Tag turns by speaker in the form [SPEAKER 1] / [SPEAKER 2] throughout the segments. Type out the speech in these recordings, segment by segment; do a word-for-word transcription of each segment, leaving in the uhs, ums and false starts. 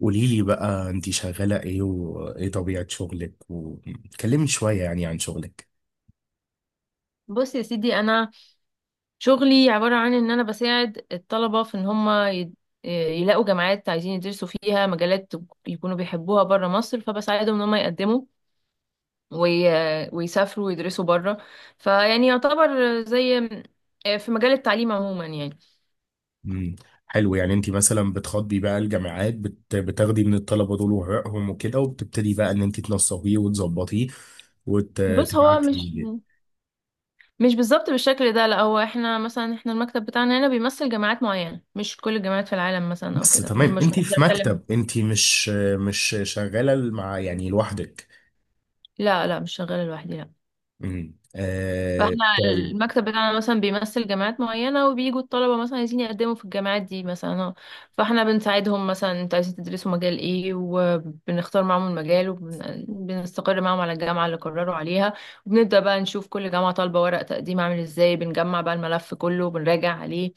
[SPEAKER 1] قولي لي بقى، انت شغالة ايه وايه طبيعة شغلك؟ وكلمني شوية يعني عن شغلك.
[SPEAKER 2] بص يا سيدي، انا شغلي عباره عن ان انا بساعد الطلبه في ان هم يلاقوا جامعات عايزين يدرسوا فيها مجالات يكونوا بيحبوها بره مصر، فبساعدهم ان هم يقدموا وي... ويسافروا ويدرسوا بره. فيعني يعتبر زي، في مجال التعليم عموما يعني.
[SPEAKER 1] امم. حلو. يعني انت مثلا بتخاطبي بقى الجامعات، بت... بتاخدي من الطلبة دول ورقهم وكده، وبتبتدي بقى ان انت تنسقيه وتظبطيه
[SPEAKER 2] بص
[SPEAKER 1] وتبعتي.
[SPEAKER 2] هو مش مش بالظبط بالشكل ده، لا. هو احنا مثلا، احنا المكتب بتاعنا هنا بيمثل جامعات معينه، مش كل الجامعات في العالم مثلا او
[SPEAKER 1] بس
[SPEAKER 2] كده. مش
[SPEAKER 1] تمام.
[SPEAKER 2] مش
[SPEAKER 1] انت
[SPEAKER 2] بقدر
[SPEAKER 1] في
[SPEAKER 2] اتكلم.
[SPEAKER 1] مكتب، انت مش مش شغالة مع يعني لوحدك؟
[SPEAKER 2] لا لا، مش شغاله لوحدي، لا.
[SPEAKER 1] امم، آه...
[SPEAKER 2] فاحنا
[SPEAKER 1] طيب.
[SPEAKER 2] المكتب بتاعنا مثلا بيمثل جامعات معينة، وبيجوا الطلبة مثلا عايزين يقدموا في الجامعات دي مثلا، اه. فاحنا بنساعدهم مثلا، انتوا عايزين تدرسوا مجال ايه، وبنختار معاهم المجال وبنستقر معاهم على الجامعة اللي قرروا عليها. وبنبدأ بقى نشوف كل جامعة طالبة ورق تقديم عامل ازاي، بنجمع بقى الملف كله وبنراجع عليه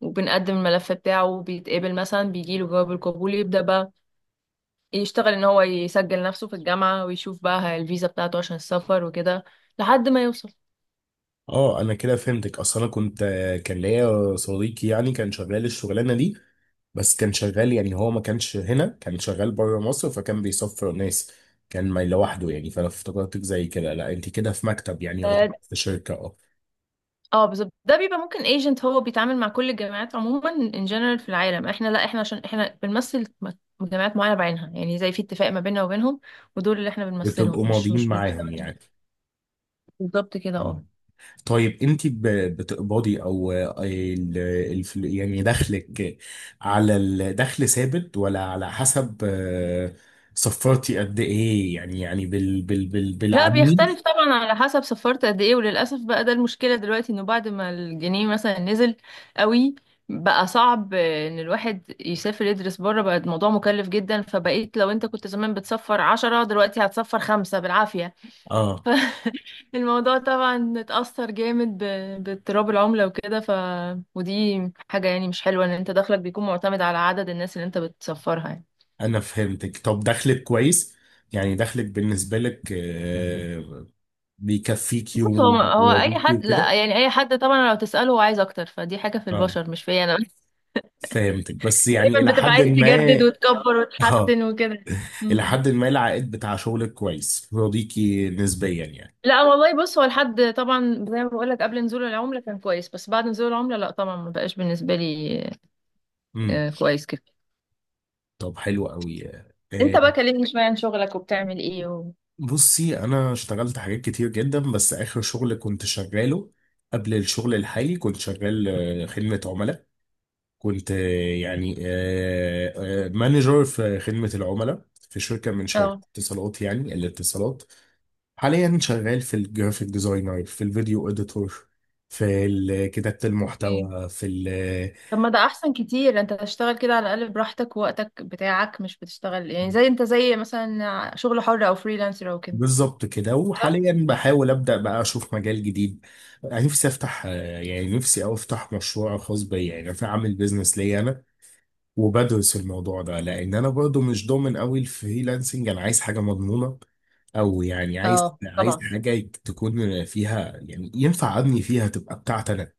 [SPEAKER 2] وبنقدم الملف بتاعه، وبيتقبل مثلا بيجيله جواب القبول يبدأ بقى يشتغل ان هو يسجل نفسه في الجامعة، ويشوف بقى الفيزا بتاعته عشان السفر وكده لحد ما يوصل.
[SPEAKER 1] اه، انا كده فهمتك. اصلا انا كنت كان ليا صديقي يعني كان شغال الشغلانة دي، بس كان شغال يعني هو ما كانش هنا، كان شغال بره مصر، فكان بيسفر ناس، كان ما لوحده يعني. فانا افتكرتك زي كده، لا انت كده في مكتب يعني يعتبر في شركه. اه.
[SPEAKER 2] اه بالظبط، ده بيبقى ممكن ايجنت، هو بيتعامل مع كل الجامعات عموما ان جنرال في العالم. احنا لا، احنا عشان احنا بنمثل م- جامعات معينه بعينها، يعني زي في اتفاق ما بيننا وبينهم. ودول اللي احنا بنمثلهم،
[SPEAKER 1] بتبقوا
[SPEAKER 2] مش
[SPEAKER 1] ماضيين
[SPEAKER 2] مش
[SPEAKER 1] معاهم
[SPEAKER 2] بنشتغل.
[SPEAKER 1] يعني.
[SPEAKER 2] بالظبط كده،
[SPEAKER 1] مم.
[SPEAKER 2] اه.
[SPEAKER 1] طيب، انت ب- بتقبضي او آه، ال- الف- يعني دخلك، على الدخل ثابت ولا على حسب آه، صفرتي قد ايه؟ يعني يعني بال بال بال
[SPEAKER 2] لا،
[SPEAKER 1] بالعميل.
[SPEAKER 2] بيختلف طبعا على حسب سفرت قد ايه. وللاسف بقى ده المشكله دلوقتي، انه بعد ما الجنيه مثلا نزل قوي، بقى صعب آه، ان الواحد يسافر يدرس بره. بقى الموضوع مكلف جدا، فبقيت لو انت كنت زمان بتسفر عشرة دلوقتي هتسفر خمسة بالعافية.
[SPEAKER 1] اه،
[SPEAKER 2] الموضوع طبعا اتأثر جامد ب- باضطراب العملة وكده. ف ودي حاجة يعني مش حلوة، ان انت دخلك بيكون معتمد على عدد الناس اللي انت بتسفرها يعني.
[SPEAKER 1] انا فهمتك. طب دخلك كويس؟ يعني دخلك بالنسبة لك آه، بيكفيكي
[SPEAKER 2] بص هو هو اي
[SPEAKER 1] ويرضيكي
[SPEAKER 2] حد، لا
[SPEAKER 1] وكده؟
[SPEAKER 2] يعني اي حد طبعا لو تسأله هو عايز اكتر، فدي حاجة في
[SPEAKER 1] اه،
[SPEAKER 2] البشر مش فيا انا بس.
[SPEAKER 1] فهمتك. بس يعني
[SPEAKER 2] دايما
[SPEAKER 1] الى
[SPEAKER 2] بتبقى
[SPEAKER 1] حد
[SPEAKER 2] عايز
[SPEAKER 1] ما.
[SPEAKER 2] تجدد وتكبر
[SPEAKER 1] اه،
[SPEAKER 2] وتحسن وكده.
[SPEAKER 1] الى
[SPEAKER 2] مم.
[SPEAKER 1] حد ما العائد بتاع شغلك كويس يرضيكي نسبيا يعني.
[SPEAKER 2] لا والله، بص هو لحد طبعا زي ما بقول لك قبل نزول العملة كان كويس، بس بعد نزول العملة لا طبعا، ما بقاش بالنسبة لي.
[SPEAKER 1] امم.
[SPEAKER 2] آه، كويس كده.
[SPEAKER 1] طب حلو قوي.
[SPEAKER 2] انت
[SPEAKER 1] آه،
[SPEAKER 2] بقى كلمني شوية عن شغلك وبتعمل ايه و...
[SPEAKER 1] بصي، انا اشتغلت حاجات كتير جدا. بس اخر شغل كنت شغاله قبل الشغل الحالي كنت شغال آه، خدمة عملاء. كنت آه، يعني آه، آه، مانجر في خدمة العملاء في شركة من
[SPEAKER 2] اه.
[SPEAKER 1] شركات اتصالات، يعني الاتصالات. حاليا شغال في الجرافيك ديزاينر، في الفيديو اديتور، في ال- كتابة المحتوى، في ال-
[SPEAKER 2] طب ما ده احسن كتير، انت تشتغل كده على الاقل براحتك ووقتك بتاعك، مش بتشتغل يعني زي، انت زي مثلا شغل حر او فريلانسر او كده.
[SPEAKER 1] بالظبط كده.
[SPEAKER 2] صح.
[SPEAKER 1] وحاليا بحاول أبدأ بقى أشوف مجال جديد. نفسي أفتح آه، يعني نفسي أو أفتح مشروع خاص بيا، يعني أعمل بيزنس ليا أنا. وبدرس الموضوع ده لان انا برضو مش ضامن قوي الفريلانسنج، انا عايز حاجه مضمونه. او يعني عايز
[SPEAKER 2] اه
[SPEAKER 1] عايز
[SPEAKER 2] طبعا.
[SPEAKER 1] حاجه تكون فيها يعني ينفع ابني فيها، تبقى بتاعتي انا.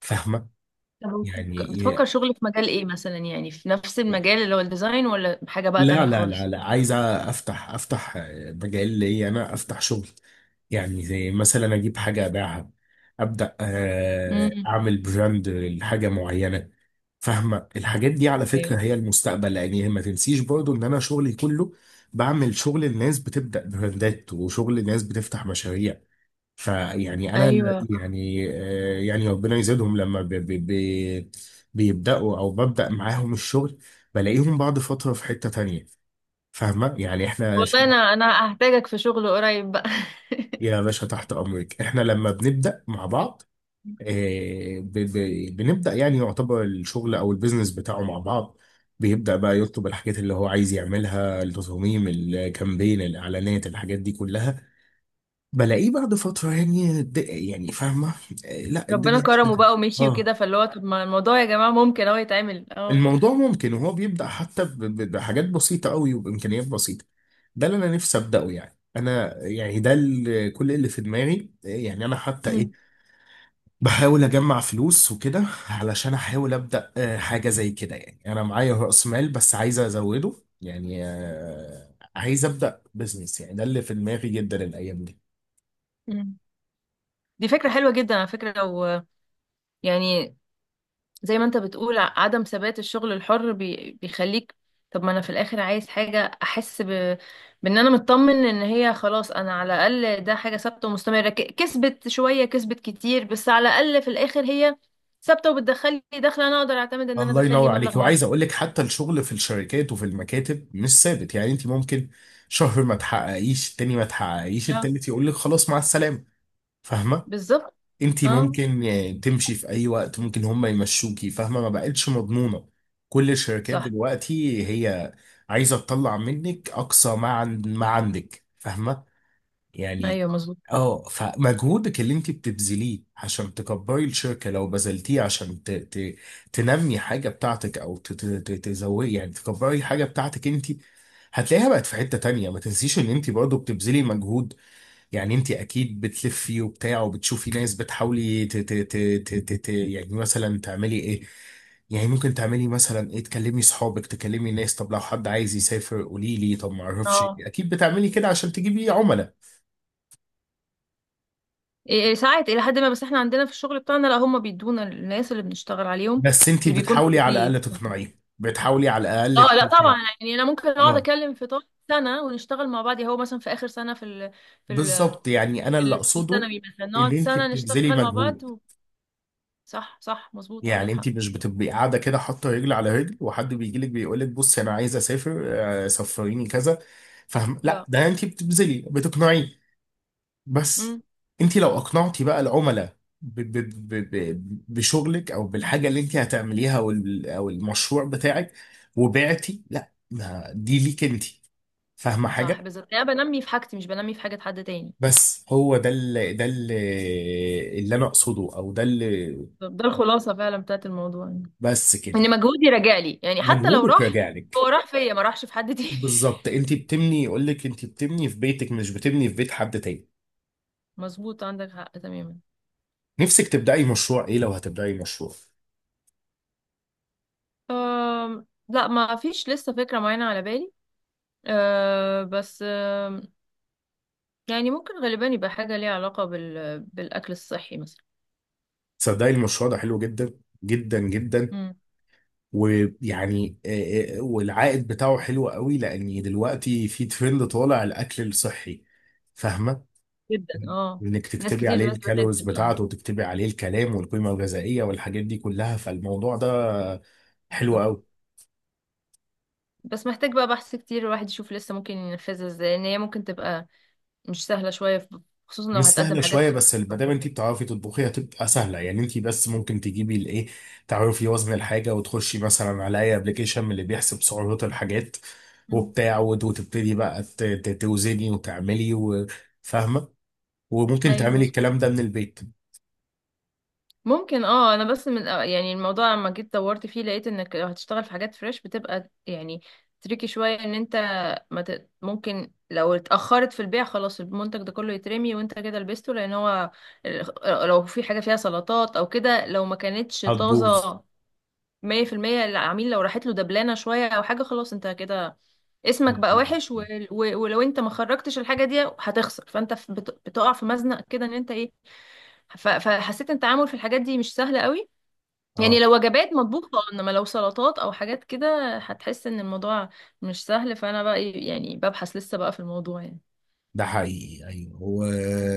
[SPEAKER 1] فاهمه؟
[SPEAKER 2] طب
[SPEAKER 1] يعني
[SPEAKER 2] وبتفك- بتفكر
[SPEAKER 1] إيه؟
[SPEAKER 2] شغل في مجال ايه مثلا؟ يعني في نفس المجال اللي هو الديزاين، ولا حاجة بقى
[SPEAKER 1] لا،
[SPEAKER 2] تانية
[SPEAKER 1] لا، لا،
[SPEAKER 2] خالص؟
[SPEAKER 1] لا، عايز افتح افتح مجال لي انا، افتح شغل. يعني زي مثلا اجيب حاجه ابيعها، ابدا آه،
[SPEAKER 2] امم.
[SPEAKER 1] اعمل براند لحاجه معينه. فاهمه، الحاجات دي على فكره
[SPEAKER 2] ايوه.
[SPEAKER 1] هي المستقبل، لان هي ما تنسيش برضو ان انا شغلي كله بعمل شغل الناس بتبدا براندات وشغل الناس بتفتح مشاريع. فيعني انا
[SPEAKER 2] ايوه صح.
[SPEAKER 1] يعني آه، يعني ربنا يزيدهم لما بي بي بي بيبداوا او ببدا معاهم الشغل، بلاقيهم بعد فتره في حته تانية. فاهمة؟ يعني احنا ش-
[SPEAKER 2] والله انا انا هحتاجك في شغل قريب بقى.
[SPEAKER 1] يا باشا تحت امرك. احنا لما بنبدأ مع بعض آه، ب- ب- بنبدأ، يعني يعتبر الشغل او البيزنس بتاعه مع بعض بيبدأ بقى يطلب الحاجات اللي هو عايز يعملها، التصاميم، الكامبين، الاعلانات، الحاجات دي كلها. بلاقيه بعد فترة يعني د- يعني. فاهمة؟ آه، لا،
[SPEAKER 2] ربنا
[SPEAKER 1] الدنيا
[SPEAKER 2] كرمه
[SPEAKER 1] اشتغلت.
[SPEAKER 2] بقى ومشي
[SPEAKER 1] اه،
[SPEAKER 2] وكده، فاللي هو طب ما الموضوع يا جماعة ممكن اهو يتعمل، اه.
[SPEAKER 1] الموضوع ممكن. وهو بيبدأ حتى ب- ب- بحاجات بسيطة قوي وبإمكانيات بسيطة. ده اللي أنا نفسي أبدأه، يعني أنا يعني ده ال- كل اللي في دماغي. يعني أنا حتى إيه،
[SPEAKER 2] أمم،
[SPEAKER 1] بحاول أجمع فلوس وكده علشان أحاول أبدأ آه، حاجة زي كده. يعني أنا معايا رأس مال بس عايز أزوده. يعني آه، عايز أبدأ بزنس يعني، ده اللي في دماغي جدا الأيام دي.
[SPEAKER 2] أمم. دي فكرة حلوة جدا على فكرة. لو يعني زي ما انت بتقول، ع- عدم ثبات الشغل الحر بي... بيخليك، طب ما انا في الاخر عايز حاجة احس ب... بان انا مطمن، ان هي خلاص انا على الاقل ده حاجة ثابتة ومستمرة. ك... كسبت شوية كسبت كتير، بس على الاقل في الاخر هي ثابتة وبتدخل لي دخل، انا اقدر اعتمد ان انا
[SPEAKER 1] الله
[SPEAKER 2] ادخل لي
[SPEAKER 1] ينور عليك.
[SPEAKER 2] مبلغ
[SPEAKER 1] وعايز
[SPEAKER 2] معين.
[SPEAKER 1] اقول لك، حتى الشغل في الشركات وفي المكاتب مش ثابت. يعني انت ممكن شهر ما تحققيش، التاني ما تحققيش،
[SPEAKER 2] آه،
[SPEAKER 1] التالت يقول لك خلاص مع السلامه. فاهمه؟
[SPEAKER 2] بالظبط.
[SPEAKER 1] انت
[SPEAKER 2] اه.
[SPEAKER 1] ممكن آه، تمشي في اي وقت، ممكن هم يمشوكي. فاهمه؟ ما بقتش مضمونه. كل الشركات
[SPEAKER 2] صح.
[SPEAKER 1] دلوقتي هي عايزه تطلع منك اقصى ما عن ما عندك. فاهمه؟ يعني.
[SPEAKER 2] ايوه مظبوط.
[SPEAKER 1] اه. فمجهودك اللي انت بتبذليه عشان تكبري الشركة، لو بذلتيه عشان ت... ت... تنمي حاجة بتاعتك، او ت... ت... ت- تزودي يعني تكبري حاجة بتاعتك انت، هتلاقيها بقت في حتة تانية. ما تنسيش ان انت برضه بتبذلي مجهود، يعني انت اكيد بتلفي وبتاع وبتشوفي ناس، بتحاولي ت... ت... ت... ت... ت... ت... يعني مثلا تعملي ايه، يعني ممكن تعملي مثلا ايه، تكلمي صحابك، تكلمي ناس، طب لو حد عايز يسافر قولي لي، طب ما اعرفش
[SPEAKER 2] اه.
[SPEAKER 1] إيه. اكيد بتعملي كده عشان تجيبي عملاء.
[SPEAKER 2] إيه- إيه، ساعات الى حد ما. بس احنا عندنا في الشغل بتاعنا لا، هم بيدونا الناس اللي بنشتغل عليهم،
[SPEAKER 1] بس انت
[SPEAKER 2] اللي بيكونوا
[SPEAKER 1] بتحاولي على
[SPEAKER 2] اوريدي.
[SPEAKER 1] الاقل تقنعيه، بتحاولي على الاقل
[SPEAKER 2] اه
[SPEAKER 1] ت-
[SPEAKER 2] لا طبعا،
[SPEAKER 1] ت-
[SPEAKER 2] يعني انا ممكن اقعد
[SPEAKER 1] اه
[SPEAKER 2] اكلم في طول سنه ونشتغل مع بعض، يعني هو مثلا في اخر سنه في ال... في ال...
[SPEAKER 1] بالظبط، يعني انا
[SPEAKER 2] في
[SPEAKER 1] اللي
[SPEAKER 2] ال- في
[SPEAKER 1] اقصده.
[SPEAKER 2] الثانوي مثلا،
[SPEAKER 1] ان
[SPEAKER 2] نقعد
[SPEAKER 1] انت
[SPEAKER 2] سنه
[SPEAKER 1] بتبذلي
[SPEAKER 2] نشتغل مع بعض
[SPEAKER 1] مجهود.
[SPEAKER 2] و... صح صح مظبوط عندك
[SPEAKER 1] يعني انت
[SPEAKER 2] حق.
[SPEAKER 1] مش بتبقي قاعده كده حاطه رجل على رجل، وحد بيجي لك بيقول لك بصي انا عايز اسافر آه، سفريني كذا. فاهم؟ لا،
[SPEAKER 2] لا.
[SPEAKER 1] ده انت بتبذلي، بتقنعيه. بس.
[SPEAKER 2] امم.
[SPEAKER 1] انت لو اقنعتي بقى العملاء ب- ب- ب- ب- بشغلك او بالحاجه اللي انت هتعمليها، او ال- أو المشروع بتاعك، وبعتي، لا، ما دي ليك انت. فاهمه؟
[SPEAKER 2] صح
[SPEAKER 1] حاجه.
[SPEAKER 2] بالظبط، يعني انا بنمي في حاجتي مش بنمي في حاجه حد تاني.
[SPEAKER 1] بس هو ده، اللي ده اللي اللي انا اقصده، او ده اللي.
[SPEAKER 2] طب ده الخلاصه فعلا بتاعت الموضوع، يعني
[SPEAKER 1] بس
[SPEAKER 2] ان
[SPEAKER 1] كده.
[SPEAKER 2] مجهودي راجع لي، يعني حتى لو
[SPEAKER 1] مجهودك
[SPEAKER 2] راح
[SPEAKER 1] راجع
[SPEAKER 2] هو
[SPEAKER 1] لك.
[SPEAKER 2] راح فيا ما راحش في حد تاني.
[SPEAKER 1] بالظبط، انت بتبني، يقول لك انت بتبني في بيتك مش بتبني في بيت حد تاني.
[SPEAKER 2] مظبوط عندك حق تماما.
[SPEAKER 1] نفسك تبداي مشروع ايه لو هتبداي مشروع؟
[SPEAKER 2] أم... لا، ما فيش لسه فكره معينه على بالي، أه بس. يعني ممكن غالبا يبقى حاجة ليها علاقة بال... بالأكل الصحي مثلا.
[SPEAKER 1] صدقي، المشروع ده حلو جدا جدا جدا.
[SPEAKER 2] امم.
[SPEAKER 1] ويعني آه، آه، والعائد بتاعه حلو قوي، لان دلوقتي في ترند طالع الاكل الصحي. فاهمه؟
[SPEAKER 2] جدا اه.
[SPEAKER 1] انك
[SPEAKER 2] ناس
[SPEAKER 1] تكتبي
[SPEAKER 2] كتير
[SPEAKER 1] عليه
[SPEAKER 2] دلوقتي بدأت
[SPEAKER 1] الكالوريز
[SPEAKER 2] تبقى
[SPEAKER 1] بتاعته، وتكتبي عليه الكلام والقيمه الغذائيه والحاجات دي كلها، فالموضوع ده حلو
[SPEAKER 2] بالظبط.
[SPEAKER 1] قوي.
[SPEAKER 2] بس محتاج بقى بحث كتير، الواحد يشوف لسه ممكن ينفذها ازاي، لأن هي ممكن تبقى مش سهلة شوية في- خصوصا لو
[SPEAKER 1] مش
[SPEAKER 2] هتقدم
[SPEAKER 1] سهله
[SPEAKER 2] حاجات
[SPEAKER 1] شويه،
[SPEAKER 2] في...
[SPEAKER 1] بس ما دام انت بتعرفي تطبخي هتبقى سهله. يعني انت بس ممكن تجيبي الايه، تعرفي وزن الحاجه وتخشي مثلا على اي ابلكيشن من اللي بيحسب سعرات الحاجات
[SPEAKER 2] أمم.
[SPEAKER 1] وبتاع، وت- وتبتدي بقى ت- ت- توزني وتعملي و- فاهمه؟ وممكن
[SPEAKER 2] ايوه
[SPEAKER 1] تعملي
[SPEAKER 2] مظبوط.
[SPEAKER 1] الكلام ده من البيت.
[SPEAKER 2] ممكن اه. انا بس من آه، يعني الموضوع لما جيت دورت فيه لقيت انك لو هتشتغل في حاجات فريش بتبقى يعني تريكي شوية، ان انت ما ت... ممكن لو اتأخرت في البيع خلاص المنتج ده كله يترمي، وانت كده لبسته، لان هو ال- لو في حاجة فيها سلطات او كده، لو ما كانتش
[SPEAKER 1] هتبوظ.
[SPEAKER 2] طازة مية في المية، العميل لو راحت له دبلانة شوية او حاجة خلاص انت كده اسمك بقى
[SPEAKER 1] هتبوظ.
[SPEAKER 2] وحش و... و... ولو انت ما خرجتش الحاجة دي هتخسر، فانت في- بت... بتقع في مزنق كده، ان انت ايه، ف... فحسيت ان التعامل في الحاجات دي مش سهل قوي. يعني
[SPEAKER 1] اه،
[SPEAKER 2] لو وجبات مطبوخة، انما لو سلطات او حاجات كده هتحس ان الموضوع مش سهل. فانا بقى إيه، يعني ببحث لسه بقى في الموضوع يعني.
[SPEAKER 1] ده حقيقي. ايوه هو
[SPEAKER 2] مم.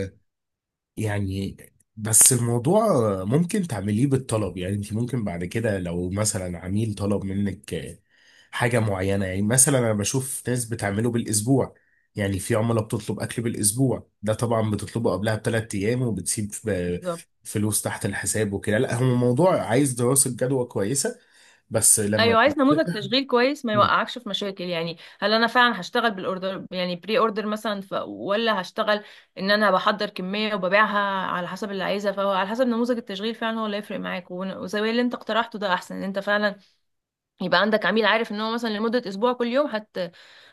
[SPEAKER 1] يعني. بس الموضوع ممكن تعمليه بالطلب، يعني انت ممكن بعد كده لو مثلا عميل طلب منك حاجة معينة، يعني مثلا انا بشوف ناس بتعمله بالاسبوع. يعني في عملاء بتطلب اكل بالاسبوع، ده طبعا بتطلبه قبلها بثلاث ايام وبتسيب ب-
[SPEAKER 2] بالظبط.
[SPEAKER 1] فلوس تحت الحساب وكده. لا هو موضوع عايز دراسة جدوى كويسة. بس لما
[SPEAKER 2] ايوه عايز نموذج
[SPEAKER 1] بت-
[SPEAKER 2] تشغيل كويس ما يوقعكش في مشاكل. يعني هل انا فعلا هشتغل بالاوردر، يعني بري اوردر مثلا، ف... ولا هشتغل ان انا بحضر كميه وببيعها على حسب اللي عايزها؟ فهو على حسب نموذج التشغيل فعلا، هو اللي هيفرق معاك. ون- وزي اللي انت اقترحته ده احسن، ان انت فعلا يبقى عندك عميل عارف ان هو مثلا لمدة اسبوع كل يوم هت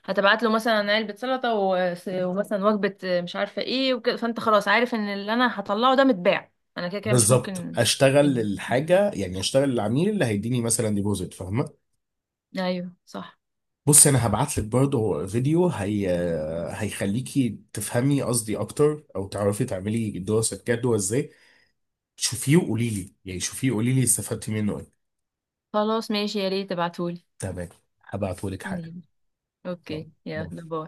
[SPEAKER 2] هتبعت له مثلا علبة سلطة و... ومثلا وجبة مش عارفة ايه وكده، فانت خلاص عارف ان اللي انا هطلعه ده متباع، انا كده كده مش
[SPEAKER 1] بالظبط،
[SPEAKER 2] ممكن
[SPEAKER 1] اشتغل
[SPEAKER 2] مني.
[SPEAKER 1] الحاجة، يعني اشتغل العميل اللي هيديني مثلا ديبوزيت. فاهمة؟
[SPEAKER 2] ايوه صح.
[SPEAKER 1] بص، انا هبعت لك برضه فيديو، هي هيخليكي تفهمي قصدي اكتر او تعرفي تعملي دراسة جدوى ازاي. شوفيه وقولي لي، يعني شوفيه وقولي لي استفدتي منه ايه.
[SPEAKER 2] خلاص ماشي، يا ريت تبعتهولي.
[SPEAKER 1] تمام. هبعته لك حالا.
[SPEAKER 2] مم.
[SPEAKER 1] يلا،
[SPEAKER 2] اوكي،
[SPEAKER 1] باي.
[SPEAKER 2] يلا باي.